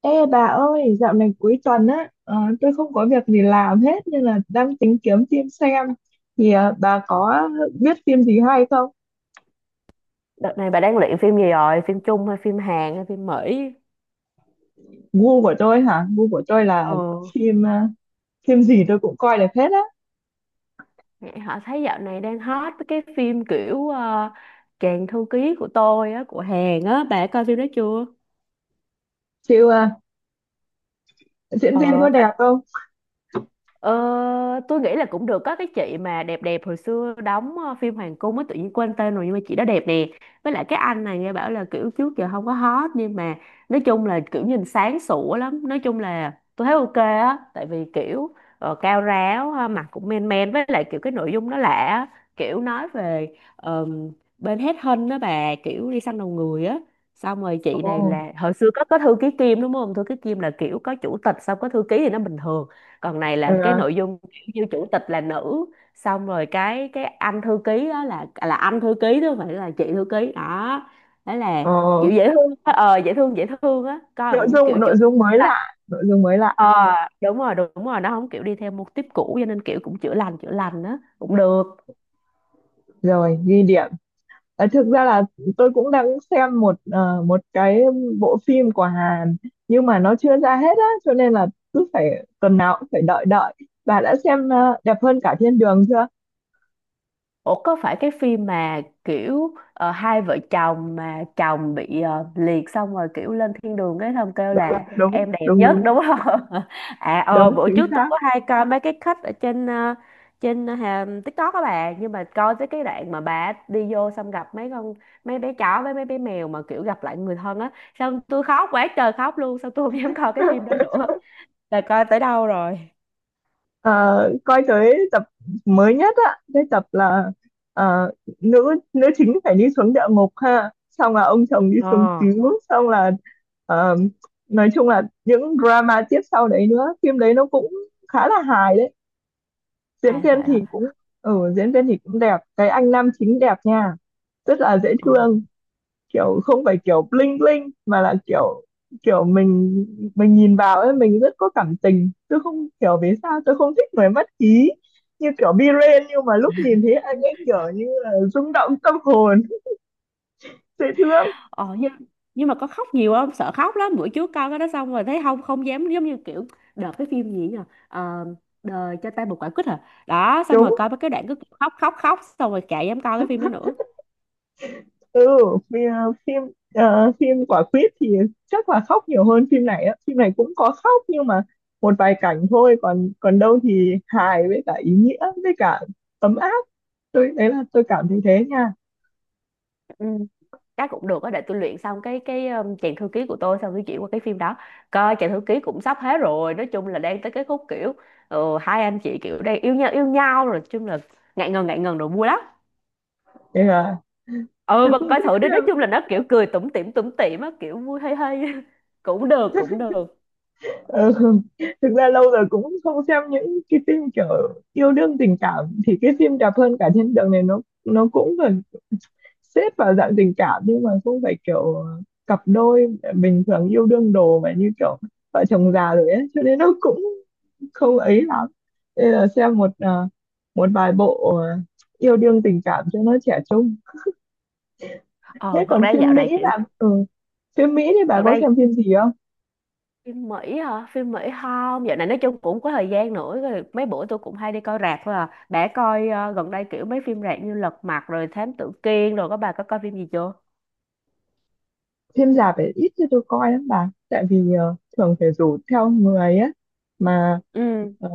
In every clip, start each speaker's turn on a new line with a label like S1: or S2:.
S1: Ê bà ơi, dạo này cuối tuần á, tôi không có việc gì làm hết nên là đang tính kiếm phim xem. Thì bà có biết phim gì hay không?
S2: Đợt này bà đang luyện phim gì rồi? Phim Trung hay phim Hàn hay phim Mỹ?
S1: Gu của tôi hả? Gu của tôi là
S2: Ừ,
S1: phim phim gì tôi cũng coi được hết á.
S2: nghe họ thấy dạo này đang hot với cái phim kiểu Chàng thư ký của tôi á, của Hàn á. Bà coi phim đó chưa?
S1: Chịu à, diễn viên có
S2: Ờ,
S1: đẹp không?
S2: Ờ, tôi nghĩ là cũng được, có cái chị mà đẹp đẹp hồi xưa đóng phim Hoàng Cung á, tự nhiên quên tên rồi nhưng mà chị đó đẹp nè. Với lại cái anh này nghe bảo là kiểu trước giờ không có hot nhưng mà nói chung là kiểu nhìn sáng sủa lắm, nói chung là tôi thấy ok á, tại vì kiểu cao ráo ha, mặt cũng men men, với lại kiểu cái nội dung nó lạ á. Kiểu nói về ờm, bên hết hân đó bà, kiểu đi săn đầu người á. Xong rồi chị này
S1: Ồ,
S2: là hồi xưa có thư ký Kim đúng không, thư ký Kim là kiểu có chủ tịch xong có thư ký thì nó bình thường, còn này là cái
S1: ờ,
S2: nội dung kiểu như chủ tịch là nữ, xong rồi cái anh thư ký đó là anh thư ký chứ không phải là chị thư ký đó. Đó là
S1: ồ.
S2: kiểu dễ thương á, ờ dễ thương á, coi
S1: Nội
S2: cũng kiểu
S1: dung
S2: chữa
S1: nội dung mới
S2: là
S1: lạ, nội dung mới lạ.
S2: ờ, đúng rồi đúng rồi, nó không kiểu đi theo mô típ cũ, cho nên kiểu cũng chữa lành á, cũng được.
S1: Rồi, ghi điểm. Ờ, thực ra là tôi cũng đang xem một một cái bộ phim của Hàn nhưng mà nó chưa ra hết á cho nên là cứ phải tuần nào cũng phải đợi đợi. Bà đã xem đẹp hơn cả thiên đường chưa?
S2: Ủa có phải cái phim mà kiểu hai vợ chồng mà chồng bị liệt xong rồi kiểu lên thiên đường cái xong kêu là
S1: Đúng, đúng
S2: em đẹp
S1: đúng
S2: nhất
S1: đúng,
S2: đúng không? À ờ
S1: đúng
S2: bữa
S1: chính
S2: trước tôi
S1: xác.
S2: có hay coi mấy cái cut ở trên trên TikTok các bạn, nhưng mà coi tới cái đoạn mà bà đi vô xong gặp mấy con mấy bé chó với mấy bé mèo mà kiểu gặp lại người thân á, xong tôi khóc quá trời khóc luôn, xong tôi không dám coi cái phim đó nữa là coi tới đâu rồi.
S1: Ờ, coi tới tập mới nhất á, cái tập là ờ, nữ nữ chính phải đi xuống địa ngục ha, xong là ông chồng đi xuống
S2: Ờ,
S1: cứu, xong là ờ, nói chung là những drama tiếp sau đấy nữa, phim đấy nó cũng khá là hài đấy. Diễn
S2: à
S1: viên
S2: vậy
S1: thì
S2: hả?
S1: cũng diễn viên thì cũng đẹp, cái anh nam chính đẹp nha, rất là dễ
S2: Ờ.
S1: thương, kiểu không phải kiểu bling bling mà là kiểu kiểu mình nhìn vào ấy mình rất có cảm tình. Tôi không hiểu vì sao tôi không thích người mất khí như kiểu Biren, nhưng mà lúc nhìn thấy anh ấy kiểu như là rung động tâm hồn. Dễ thương.
S2: Ờ nhưng mà có khóc nhiều không? Sợ khóc lắm. Bữa trước coi cái đó xong rồi thấy không, không dám, giống như kiểu đợt cái phim gì nhờ. Ờ, đời cho ta một quả quýt à. Đó xong rồi
S1: Đúng.
S2: coi mấy cái đoạn cứ khóc khóc khóc xong rồi chả dám coi cái phim đó nữa.
S1: ừ phim phim quả quýt thì chắc là khóc nhiều hơn phim này á. Phim này cũng có khóc nhưng mà một vài cảnh thôi, còn còn đâu thì hài với cả ý nghĩa với cả ấm áp. Tôi đấy là tôi cảm thấy thế nha,
S2: Ừ, chắc cũng được á, để tôi luyện xong cái chàng thư ký của tôi xong tôi chuyển qua cái phim đó. Coi chàng thư ký cũng sắp hết rồi, nói chung là đang tới cái khúc kiểu hai anh chị kiểu đang yêu nhau rồi, nói chung là ngại ngần rồi vui lắm.
S1: nên là
S2: Ừ
S1: tôi
S2: bà
S1: cũng
S2: coi
S1: thích
S2: thử đi, nói
S1: xem.
S2: chung là nó kiểu cười tủm tỉm á, kiểu vui hay hay. Cũng được cũng được.
S1: Ừ. Thực ra lâu rồi cũng không xem những cái phim kiểu yêu đương tình cảm. Thì cái phim đẹp hơn cả thiên đường này nó cũng gần xếp vào dạng tình cảm, nhưng mà không phải kiểu cặp đôi bình thường yêu đương đồ, mà như kiểu vợ chồng già rồi ấy, cho nên nó cũng không ấy lắm. Nên là xem một một vài bộ yêu đương tình cảm cho nó trẻ trung.
S2: Ờ
S1: Thế
S2: thật
S1: còn
S2: ra
S1: phim
S2: dạo này
S1: Mỹ
S2: kiểu
S1: là phim Mỹ thì bà
S2: thật
S1: có
S2: ra
S1: xem phim gì không?
S2: phim Mỹ hả, phim Mỹ không, dạo này nói chung cũng có thời gian nữa rồi, mấy bữa tôi cũng hay đi coi rạp thôi à. Đã coi gần đây kiểu mấy phim rạp như Lật Mặt rồi Thám Tử Kiên rồi, có bà có coi phim gì chưa?
S1: Phim rạp phải ít cho tôi coi lắm bà, tại vì thường phải rủ theo người á, mà
S2: Ừ,
S1: ờ,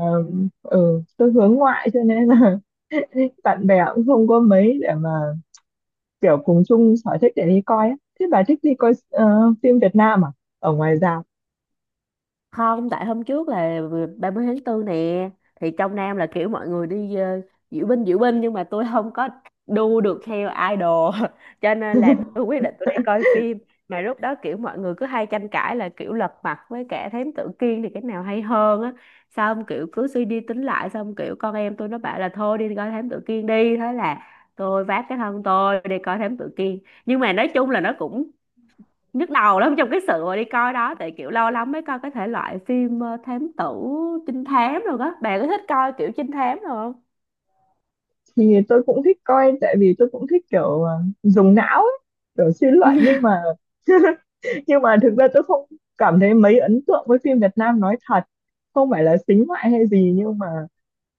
S1: tôi hướng ngoại cho nên là bạn bè cũng không có mấy để mà kiểu cùng chung sở thích để đi coi á. Thế bà thích đi coi phim Việt Nam à? Ở ngoài rạp
S2: không, tại hôm trước là 30 tháng tư nè, thì trong Nam là kiểu mọi người đi diễu binh nhưng mà tôi không có đu được theo idol cho nên là tôi quyết định tôi đi coi phim, mà lúc đó kiểu mọi người cứ hay tranh cãi là kiểu Lật Mặt với cả Thám Tử Kiên thì cái nào hay hơn á, xong kiểu cứ suy đi tính lại xong kiểu con em tôi nó bảo là thôi đi coi Thám Tử Kiên đi, thế là tôi vác cái thân tôi đi coi Thám Tử Kiên. Nhưng mà nói chung là nó cũng nhức đầu lắm trong cái sự mà đi coi đó, tại kiểu lâu lắm mới coi cái thể loại phim thám tử trinh thám rồi đó, bạn có thích coi kiểu trinh thám rồi không?
S1: thì tôi cũng thích coi, tại vì tôi cũng thích kiểu dùng não ấy, kiểu suy luận, nhưng mà nhưng mà thực ra tôi không cảm thấy mấy ấn tượng với phim Việt Nam, nói thật. Không phải là xính ngoại hay gì, nhưng mà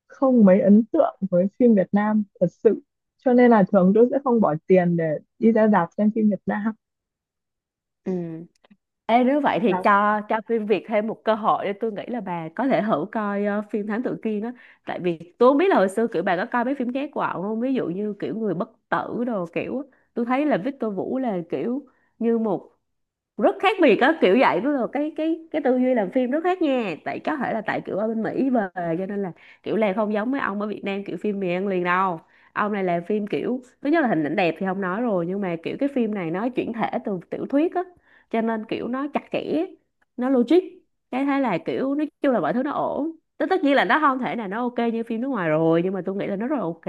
S1: không mấy ấn tượng với phim Việt Nam thật sự, cho nên là thường tôi sẽ không bỏ tiền để đi ra rạp xem phim Việt Nam.
S2: Ừ, ê, nếu vậy thì cho phim Việt thêm một cơ hội, để tôi nghĩ là bà có thể thử coi phim Thám Tử Kiên á. Tại vì tôi không biết là hồi xưa kiểu bà có coi mấy phim ghét của ổng không, ví dụ như kiểu Người Bất Tử đồ kiểu á. Tôi thấy là Victor Vũ là kiểu như một rất khác biệt á, kiểu vậy đó, là cái cái tư duy làm phim rất khác nha, tại có thể là tại kiểu ở bên Mỹ về cho nên là kiểu làm không giống mấy ông ở Việt Nam kiểu phim mì ăn liền đâu. Ông này làm phim kiểu thứ nhất là hình ảnh đẹp thì không nói rồi, nhưng mà kiểu cái phim này nó chuyển thể từ tiểu thuyết á, cho nên kiểu nó chặt chẽ, nó logic. Cái thế là kiểu nói chung là mọi thứ nó ổn, tất tất nhiên là nó không thể nào nó ok như phim nước ngoài rồi, nhưng mà tôi nghĩ là nó rất là ok.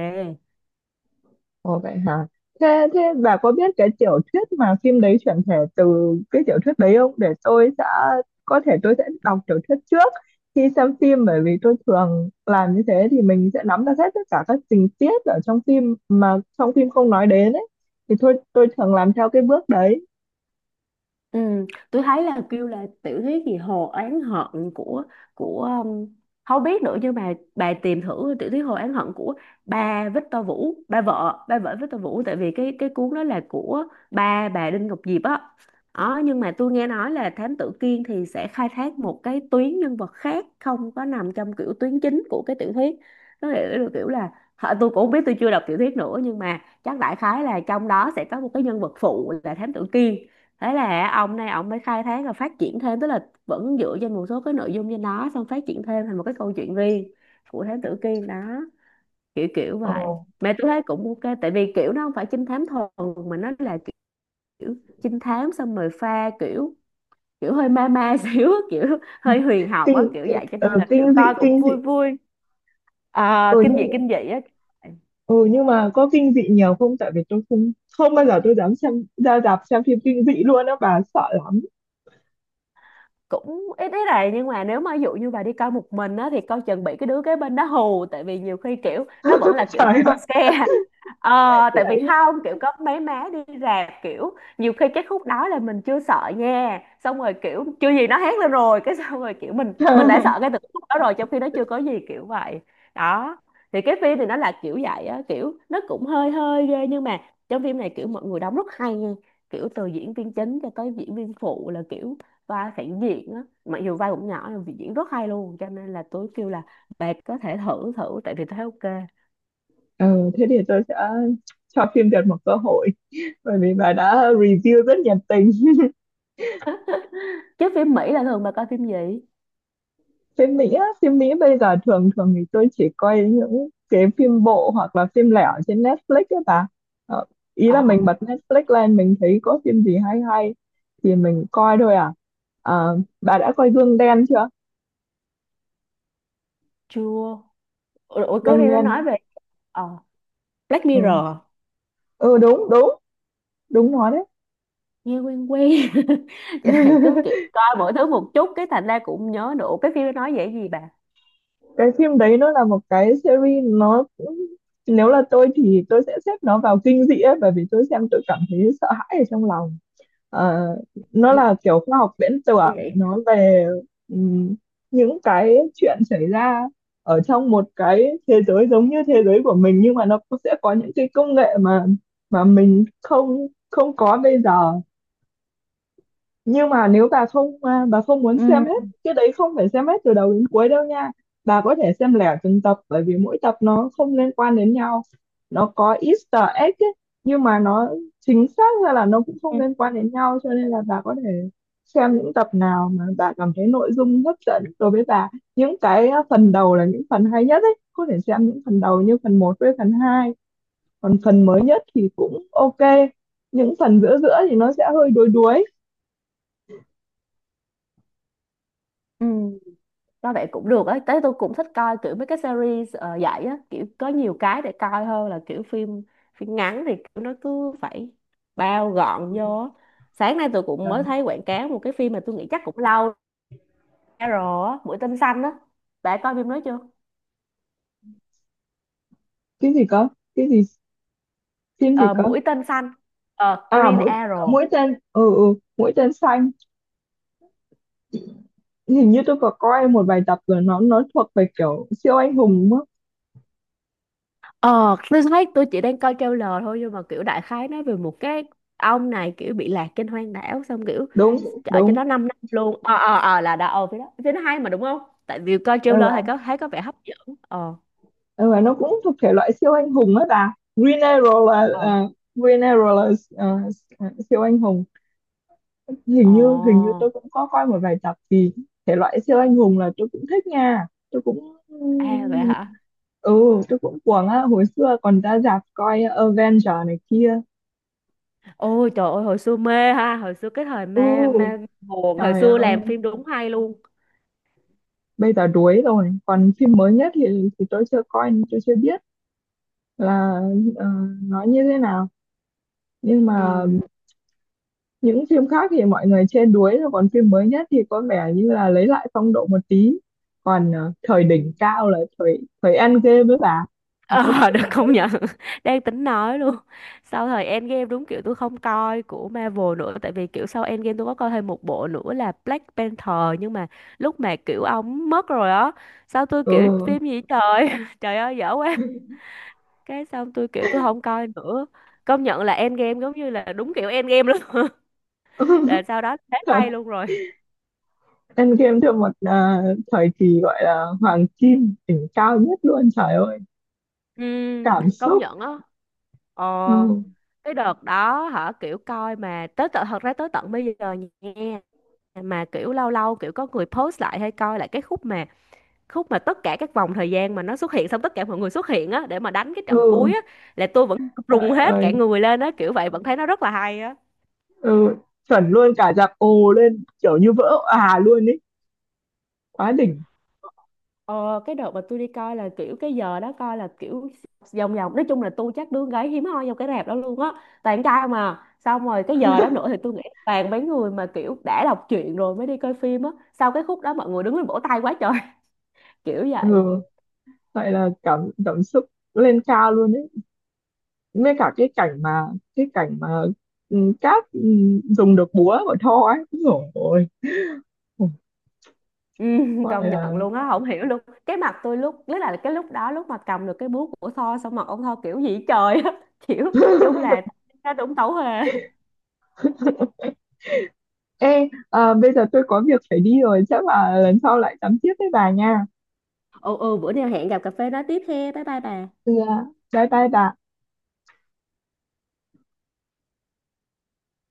S1: Ồ vậy hả? Thế thế bà có biết cái tiểu thuyết mà phim đấy chuyển thể từ cái tiểu thuyết đấy không? Để tôi sẽ có thể tôi sẽ đọc tiểu thuyết trước khi xem phim, bởi vì tôi thường làm như thế thì mình sẽ nắm được hết tất cả các tình tiết ở trong phim mà trong phim không nói đến ấy. Thì thôi tôi thường làm theo cái bước đấy.
S2: Ừ, tôi thấy là kêu là tiểu thuyết gì Hồ Oán Hận của của không biết nữa, nhưng mà bà tìm thử tiểu thuyết Hồ Oán Hận của ba Victor Vũ, ba vợ Victor Vũ, tại vì cái cuốn đó là của ba bà Đinh Ngọc Diệp á đó. Nhưng mà tôi nghe nói là Thám Tử Kiên thì sẽ khai thác một cái tuyến nhân vật khác, không có nằm trong kiểu tuyến chính của cái tiểu thuyết. Nó là kiểu là hả, tôi cũng không biết, tôi chưa đọc tiểu thuyết nữa, nhưng mà chắc đại khái là trong đó sẽ có một cái nhân vật phụ là Thám Tử Kiên, thế là ông này ông mới khai thác và phát triển thêm, tức là vẫn dựa trên một số cái nội dung trên đó xong phát triển thêm thành một cái câu chuyện riêng của thám tử Kiên đó, kiểu kiểu vậy.
S1: Ồ.
S2: Mà tôi thấy cũng ok tại vì kiểu nó không phải trinh thám thuần, mà nó là kiểu trinh thám xong rồi pha kiểu kiểu hơi ma ma xíu, kiểu hơi huyền học á,
S1: Kinh
S2: kiểu
S1: kinh
S2: vậy, cho
S1: ờ,
S2: nên là kiểu
S1: kinh dị,
S2: coi cũng
S1: kinh dị.
S2: vui vui. À,
S1: Ừ
S2: kinh dị á,
S1: nhưng mà có kinh dị nhiều không? Tại vì tôi không, không bao giờ tôi dám xem ra rạp xem phim kinh dị luôn á bà, sợ lắm.
S2: cũng ít ít này, nhưng mà nếu mà ví dụ như bà đi coi một mình á thì coi chừng bị cái đứa kế bên đó hù, tại vì nhiều khi kiểu nó vẫn là kiểu
S1: Trời
S2: jump scare. Ờ tại vì
S1: ơi.
S2: không kiểu có mấy má đi rạp kiểu nhiều khi cái khúc đó là mình chưa sợ nha, xong rồi kiểu chưa gì nó hét lên rồi cái xong rồi kiểu mình đã sợ ngay từ cái khúc đó rồi, trong khi nó chưa có gì kiểu vậy đó. Thì cái phim thì nó là kiểu vậy á, kiểu nó cũng hơi hơi ghê nhưng mà trong phim này kiểu mọi người đóng rất hay nha, kiểu từ diễn viên chính cho tới diễn viên phụ là kiểu vai phản diện á, mặc dù vai cũng nhỏ nhưng diễn rất hay luôn, cho nên là tôi kêu là bà có thể thử thử, tại vì tôi thấy ok.
S1: Ừ, thế thì tôi sẽ cho phim Việt một cơ hội, bởi vì bà đã review rất nhiệt tình.
S2: Chứ phim Mỹ là thường bà coi phim gì?
S1: Phim Mỹ á, phim Mỹ bây giờ thường thường thì tôi chỉ coi những cái phim bộ hoặc là phim lẻ ở trên Netflix ấy bà. ờ, Ý
S2: Ờ
S1: là mình bật Netflix lên mình thấy có phim gì hay hay thì mình coi thôi à. Ờ, bà đã coi Gương Đen chưa?
S2: chưa, ủa cái
S1: Gương
S2: phim nó nói
S1: Đen.
S2: về ờ Black Mirror,
S1: Ừ, ừ đúng đúng đúng, nó đấy.
S2: nghe quen quen. Vậy này cứ kiểu coi mỗi thứ một chút cái thành ra cũng nhớ được. Ủa, cái phim nó nói về cái gì bà?
S1: Cái phim đấy nó là một cái series. Nó cũng, nếu là tôi thì tôi sẽ xếp nó vào kinh dị ấy, bởi vì tôi xem tôi cảm thấy sợ hãi ở trong lòng. Ờ, nó
S2: Như
S1: là kiểu khoa học viễn tưởng.
S2: vậy
S1: Nó về ừm, những cái chuyện xảy ra ở trong một cái thế giới giống như thế giới của mình, nhưng mà nó cũng sẽ có những cái công nghệ mà mình không không có bây giờ. Nhưng mà nếu bà không, à, bà không muốn
S2: ừ
S1: xem hết cái đấy, không phải xem hết từ đầu đến cuối đâu nha. Bà có thể xem lẻ từng tập bởi vì mỗi tập nó không liên quan đến nhau. Nó có Easter egg ấy, nhưng mà nó chính xác ra là nó cũng không
S2: ừ
S1: liên quan đến nhau, cho nên là bà có thể xem những tập nào mà bà cảm thấy nội dung hấp dẫn đối với bà. Những cái, à, phần đầu là những phần hay nhất ấy, có thể xem những phần đầu như phần một với phần 2, còn phần mới nhất thì cũng ok. Những phần giữa giữa thì nó sẽ hơi đuối đuối.
S2: ừ. Coi vậy cũng được ấy, tới tôi cũng thích coi kiểu mấy cái series vậy á, kiểu có nhiều cái để coi hơn là kiểu phim, phim ngắn thì kiểu nó cứ phải bao gọn vô á. Sáng nay tôi cũng mới thấy quảng cáo một cái phim mà tôi nghĩ chắc cũng lâu ra rồi á, Mũi Tên Xanh á. Bạn coi phim đó chưa?
S1: Cái gì cơ? Cái gì? Phim gì
S2: Ờ,
S1: cơ?
S2: Mũi Tên Xanh, ờ,
S1: À
S2: Green
S1: mũi
S2: Arrow.
S1: Mũi tên, mũi tên xanh. Hình như tôi có coi một vài tập rồi. Nó thuộc về kiểu siêu anh hùng đúng không?
S2: Ờ, tôi thấy tôi chỉ đang coi trailer thôi nhưng mà kiểu đại khái nói về một cái ông này kiểu bị lạc trên hoang đảo xong kiểu
S1: Đúng
S2: ở trên
S1: đúng.
S2: đó 5 năm luôn. Ờ ờ ờ là đã ờ phía đó. Phía nó hay mà đúng không? Tại vì coi
S1: Ừ,
S2: trailer
S1: và
S2: thì có thấy có vẻ hấp dẫn. Ờ
S1: ừ, và nó cũng thuộc thể loại siêu anh hùng đó bà. Green Arrow là
S2: ờ
S1: Green Arrow là ờ, siêu anh hùng. Hình
S2: ờ
S1: như hình như tôi cũng có coi một vài tập. Thì thể loại siêu anh hùng là tôi cũng thích nha, tôi cũng,
S2: à vậy hả?
S1: ừ tôi cũng cuồng á, hồi xưa còn ra rạp coi Avenger này kia.
S2: Ôi trời ơi hồi xưa mê ha, hồi xưa cái thời
S1: Ừ,
S2: mê mê buồn, hồi
S1: trời
S2: xưa làm
S1: ơi,
S2: phim đúng hay luôn.
S1: bây giờ đuối rồi. Còn phim mới nhất thì tôi chưa coi, nên tôi chưa biết là ờ, nó như thế nào. Nhưng mà
S2: Ừ.
S1: những phim khác thì mọi người chê đuối rồi, còn phim mới nhất thì có vẻ như là lấy lại phong độ một tí. Còn
S2: Ừ,
S1: thời
S2: ừ.
S1: đỉnh cao là thời thời Endgame với bà. Nó
S2: Ờ,
S1: có
S2: được công nhận. Đang tính nói luôn. Sau thời Endgame đúng kiểu tôi không coi của Marvel nữa. Tại vì kiểu sau Endgame tôi có coi thêm một bộ nữa là Black Panther. Nhưng mà lúc mà kiểu ông mất rồi á. Sao tôi kiểu
S1: ừ.
S2: phim gì trời. Trời ơi dở quá. Cái xong tôi kiểu tôi không coi nữa. Công nhận là Endgame giống như là đúng kiểu Endgame luôn. Là sau đó thế
S1: Thật,
S2: hay luôn rồi.
S1: Endgame theo một thời kỳ gọi là hoàng kim đỉnh cao nhất luôn, trời ơi,
S2: Ừ,
S1: cảm
S2: công
S1: xúc.
S2: nhận á. Ờ,
S1: Ừ.
S2: cái đợt đó hả kiểu coi mà tới tận thật ra tới tận bây giờ nha, mà kiểu lâu lâu kiểu có người post lại hay coi lại cái khúc mà tất cả các vòng thời gian mà nó xuất hiện, xong tất cả mọi người xuất hiện á để mà đánh cái trận cuối á, là tôi vẫn rùng hết
S1: Ừ.
S2: cả người lên á, kiểu vậy vẫn thấy nó rất là hay á.
S1: Ừ, chuẩn luôn, cả dạp ồ lên kiểu như vỡ òa luôn ấy, quá đỉnh.
S2: Ờ, cái đợt mà tôi đi coi là kiểu cái giờ đó coi là kiểu vòng vòng, nói chung là tôi chắc đứa gái hiếm hoi trong cái rạp đó luôn á, toàn trai mà, xong rồi cái giờ đó nữa thì tôi nghĩ toàn mấy người mà kiểu đã đọc truyện rồi mới đi coi phim á, sau cái khúc đó mọi người đứng lên vỗ tay quá trời kiểu vậy.
S1: Ừ, vậy là cảm cảm xúc lên cao luôn ấy, với cả cái cảnh mà ừ, cát ừ, dùng được búa của Thor ấy rồi,
S2: Ừ,
S1: gọi
S2: công nhận
S1: là,
S2: luôn á, không hiểu luôn cái mặt tôi lúc, tức là cái lúc đó lúc mà cầm được cái búa của Thor xong mặt ông Thor kiểu gì trời á kiểu chung là nó đúng tấu hề.
S1: ê à, bây giờ tôi có việc phải đi rồi, chắc là lần sau lại tắm tiếp với bà nha.
S2: Ồ ồ bữa nào hẹn gặp cà phê nói tiếp he. Bye bye bà.
S1: ừ, à, Bye bye bà.